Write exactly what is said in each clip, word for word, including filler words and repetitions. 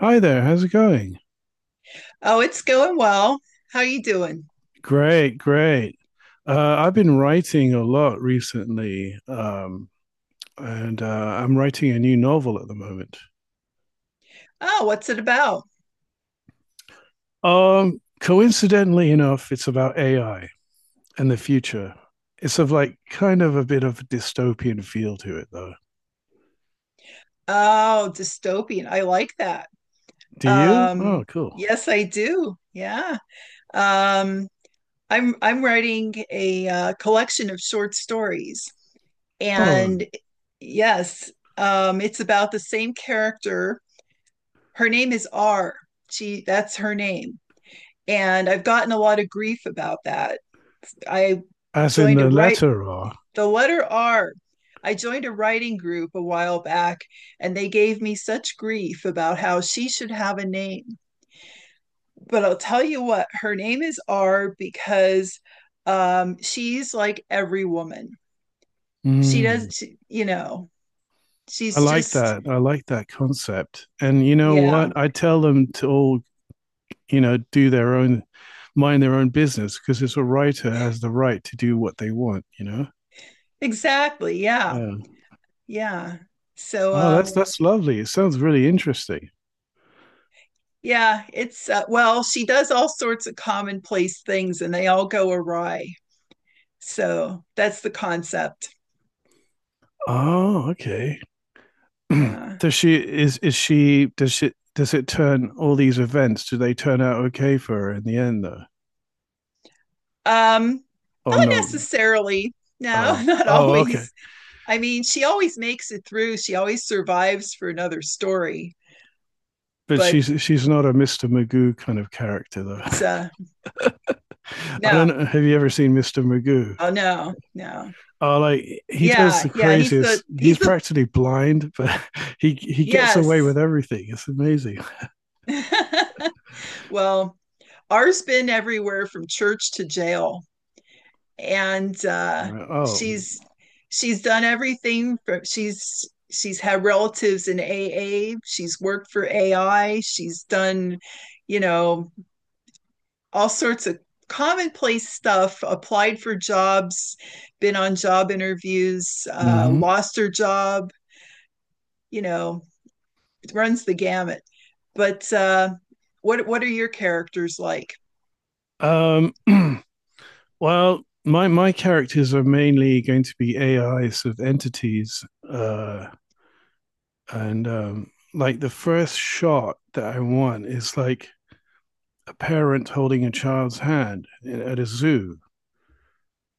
Hi there, how's it going? Oh, it's going well. How you doing? Great, great. Uh, I've been writing a lot recently, um, and uh, I'm writing a new novel at the moment. Oh, what's it about? Um, coincidentally enough, it's about A I and the future. It's of like kind of a bit of a dystopian feel to it, though. Oh, dystopian. I like that. Do you? Oh, Um, cool. yes, I do. Yeah. Um, I'm I'm writing a uh, collection of short stories, Oh, and yes, um, it's about the same character. Her name is R. She That's her name, and I've gotten a lot of grief about that. I as in joined a the write. letter R. The letter R. I joined a writing group a while back, and they gave me such grief about how she should have a name. But I'll tell you what, her name is R because um, she's like every woman. She Mm. does, she, you know, I she's like just, that. I like that concept. And you know Yeah, what? I tell them to all you know, do their own, mind their own business because it's a writer has the right to do what they want, you know? exactly. Yeah, Yeah. yeah. So, Oh, um, that's that's lovely. It sounds really interesting. yeah, it's, uh, well, she does all sorts of commonplace things and they all go awry. So that's the concept. Oh, okay. Yeah. does she is is she does she does it turn all these events? Do they turn out okay for her in the end though, Um, or not not? necessarily. No, Oh, not oh, okay. always. I mean, she always makes it through. She always survives for another story. But But she's she's not a mister Magoo kind of character though. uh, I don't no, know. Have you ever seen mister Magoo? oh, no, no. Oh, like he does Yeah, the yeah. He's the craziest. He's he's the practically blind, but he he gets away yes. with everything. It's amazing. Well, ours been everywhere from church to jail. And uh, Right. Oh, she's she's done everything from she's she's had relatives in A A. She's worked for A I. She's done, you know, all sorts of commonplace stuff, applied for jobs, been on job interviews, uh, hmm. lost her job, you know, it runs the gamut. But uh, what what are your characters like? um, well, my my characters are mainly going to be A Is of entities, uh, and um, like the first shot that I want is like a parent holding a child's hand at a zoo,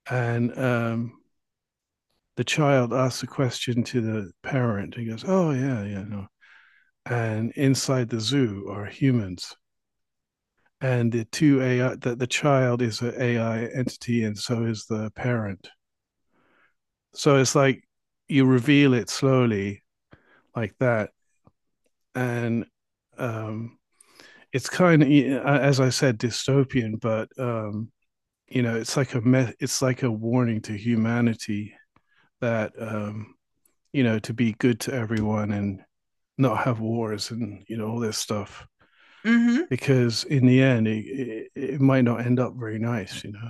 and um, the child asks a question to the parent. He goes, "Oh yeah, yeah, no, and inside the zoo are humans and the two A I that the child is an A I entity and so is the parent. So it's like you reveal it slowly like that, and um, it's kind of as I said dystopian, but um, you know it's like a me- it's like a warning to humanity that um, you know to be good to everyone and not have wars and you know all this stuff, Mm-hmm. because in the end, it, it, it might not end up very nice, you know?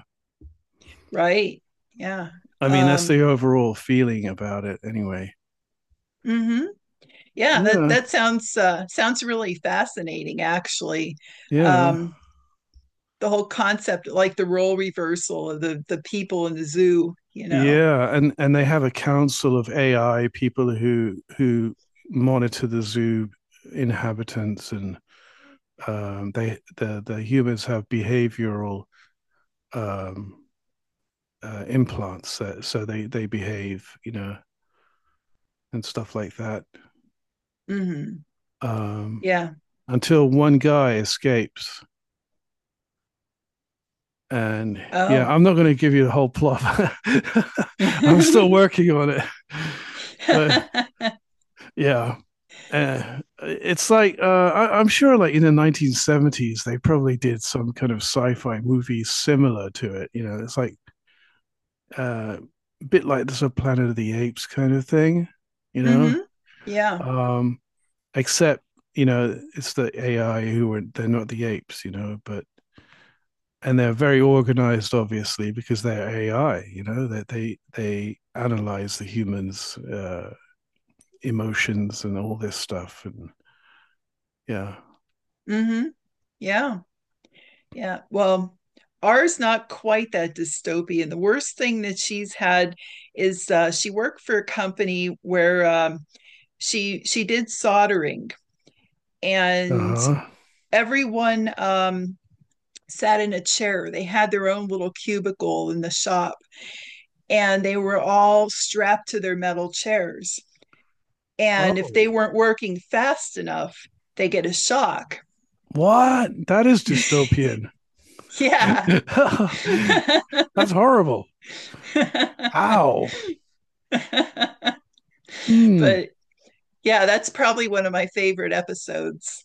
Right. Yeah. I mean, that's Um, the overall feeling about it anyway. mm-hmm. Yeah, that Yeah, that sounds uh, sounds really fascinating, actually. yeah. Um, the whole concept, like the role reversal of the the people in the zoo, you know. Yeah, and and they have a council of A I people who who monitor the zoo inhabitants, and um, they the the humans have behavioral um, uh, implants, that, so they they behave, you know, and stuff like that. Hmm. Um, Yeah. until one guy escapes and yeah, Oh. I'm not going to give you the whole plot. I'm still working on it, but yeah, uh, it's like uh, I, I'm sure, like in the nineteen seventies, they probably did some kind of sci-fi movie similar to it. You know, it's like uh, a bit like the sort of Planet of the Apes kind of thing. You know, Hmm. Yeah. um, except you know it's the A I who were they're not the apes. You know, but and they're very organized obviously because they're ai you know that they, they they analyze the humans uh, emotions and all this stuff and yeah. Hmm. Yeah. Yeah. Well, ours not quite that dystopian. The worst thing that she's had is uh, she worked for a company where um, she she did soldering, and Uh-huh. everyone um, sat in a chair. They had their own little cubicle in the shop, and they were all strapped to their metal chairs. And Oh, if they weren't working fast enough, they get a shock. what that is dystopian. Yeah. That's horrible. Ow. Hmm. But yeah, that's probably one of my favorite episodes.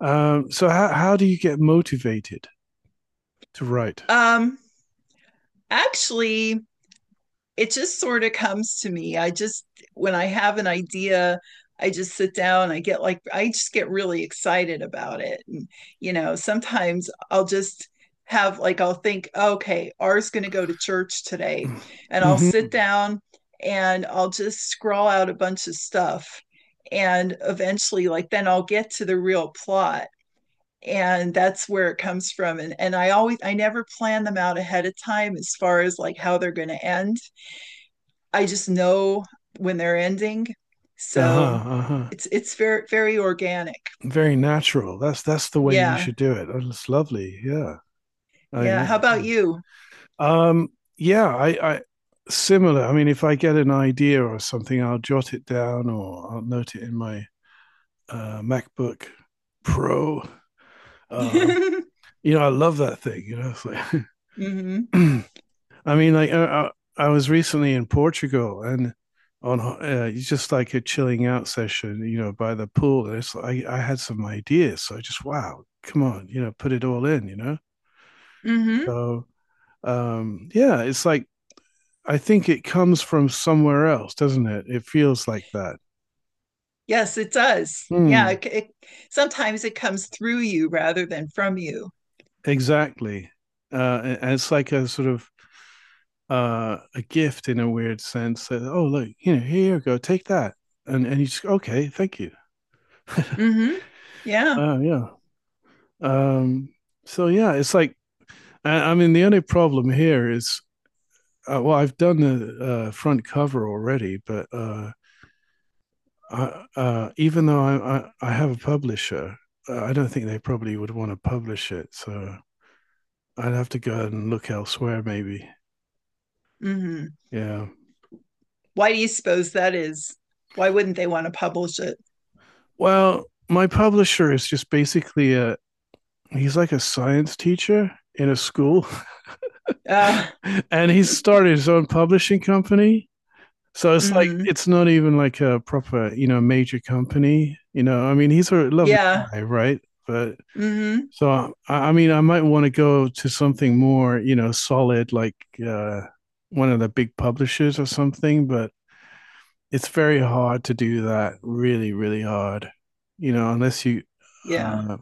um So how, how do you get motivated to write? Um, actually, it just sort of comes to me. I just, when I have an idea, I just sit down, I get like, I just get really excited about it. And, you know, sometimes I'll just have like, I'll think, okay, R's going to go to church today. And I'll Mm-hmm. sit down and I'll just scrawl out a bunch of stuff. And eventually, like, then I'll get to the real plot, and that's where it comes from. And and I always, I never plan them out ahead of time as far as like how they're going to end. I just know when they're ending, so Uh-huh. Uh-huh. it's it's very very organic. Very natural. That's that's the way you Yeah, should do it. Oh, that's lovely. Yeah. yeah, how I, about you? um, yeah, I, I similar. I mean, if I get an idea or something, I'll jot it down or I'll note it in my uh, MacBook Pro. Um, Mm-hmm. you know, I love that thing, you know. It's like I mean, like I, I was recently in Portugal and on uh, just like a chilling out session, you know, by the pool. And it's like I I had some ideas, so I just wow, come on, you know, put it all in, you know. Mm-hmm. So um, yeah, it's like I think it comes from somewhere else, doesn't it? It feels like that. Yes it does, yeah, Hmm. it, it, sometimes it comes through you rather than from you. Exactly. Uh, and and it's like a sort of uh, a gift in a weird sense. That, oh, look, you know, here you go, take that, and and you just okay, thank you. Mm-hmm. Yeah. Uh, yeah. Um, so yeah, it's like I, I mean the only problem here is uh, well I've done the uh, front cover already, but uh, I, uh, even though I, I I have a publisher, uh, I don't think they probably would want to publish it. So I'd have to go out and look elsewhere, maybe. Mm-hmm. Yeah. Why do you suppose that is? Why wouldn't they want to publish it? Well, my publisher is just basically a he's like a science teacher in a school, Uh, and he's started his own publishing company. So it's like mm-hmm. it's not even like a proper, you know, major company. You know, I mean, he's a lovely Yeah. guy, right? But Mm-hmm. so I, I mean, I might want to go to something more, you know, solid, like uh, one of the big publishers or something. But it's very hard to do that. Really, really hard. You know, unless you Yeah. uh,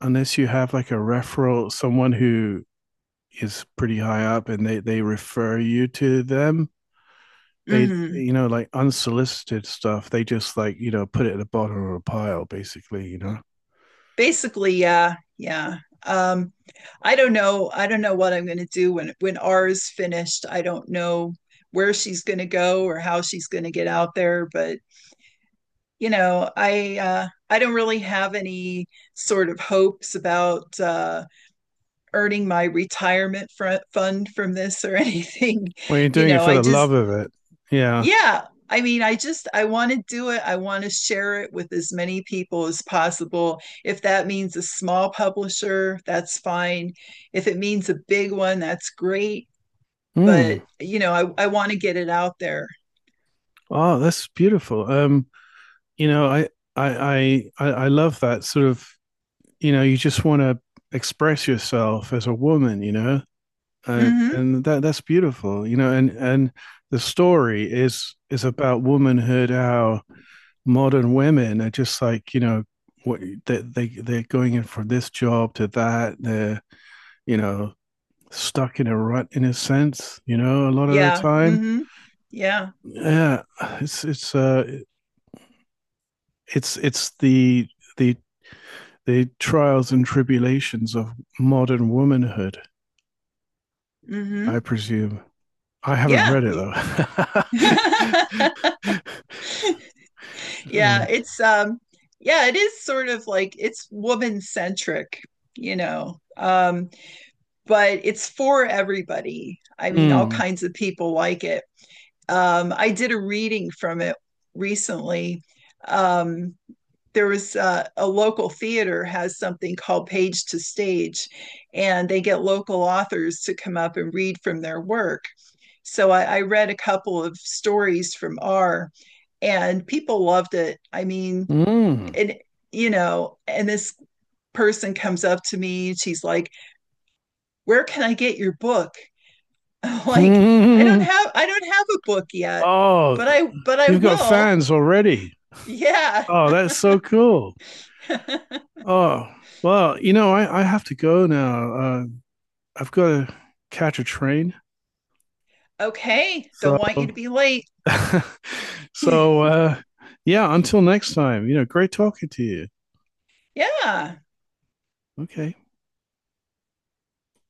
unless you have like a referral, someone who is pretty high up, and they they refer you to them, they Mm-hmm. you know like unsolicited stuff they just like you know put it at the bottom of a pile basically you know. Basically, yeah. Yeah. Um, I don't know. I don't know what I'm going to do when when R is finished. I don't know where she's going to go or how she's going to get out there, but you know, I uh I don't really have any sort of hopes about uh earning my retirement fr- fund from this or anything. Well you're You doing it know, for I the love just of it. Yeah. yeah, I mean I just, I want to do it, I want to share it with as many people as possible. If that means a small publisher, that's fine. If it means a big one, that's great. But Mm. you know, i, I want to get it out there. Oh, that's beautiful. Um you know, I I I I love that sort of you know, you just want to express yourself as a woman, you know, and Mm-hmm. and that that's beautiful, you know, and and the story is is about womanhood, how modern women are just like you know what they, they they're going in from this job to that they're you know stuck in a rut in a sense you know a lot of the Yeah. time. Hmm. Yeah. Yeah, it's it's uh it's it's the the the trials and tribulations of modern womanhood, Hmm. I presume. I haven't Yeah. read it y- though. yeah Um, it's um yeah, it is sort of like, it's woman centric, you know. um but it's for everybody. I mean, all mm, kinds of people like it. Um, I did a reading from it recently. Um, there was uh, a local theater has something called Page to Stage, and they get local authors to come up and read from their work. So I, I read a couple of stories from R, and people loved it. I mean, mm, and you know, and this person comes up to me, and she's like, "Where can I get your book?" Like, I don't mm. have I don't have a book yet, Oh, but I but I you've got will. fans already. Yeah. Oh, that's so cool. Oh, well, you know, I, I have to go now. Uh, I've got to catch a train. Okay, So, don't want you to be late. so uh, yeah, until next time, you know, great talking to you. Yeah. Okay.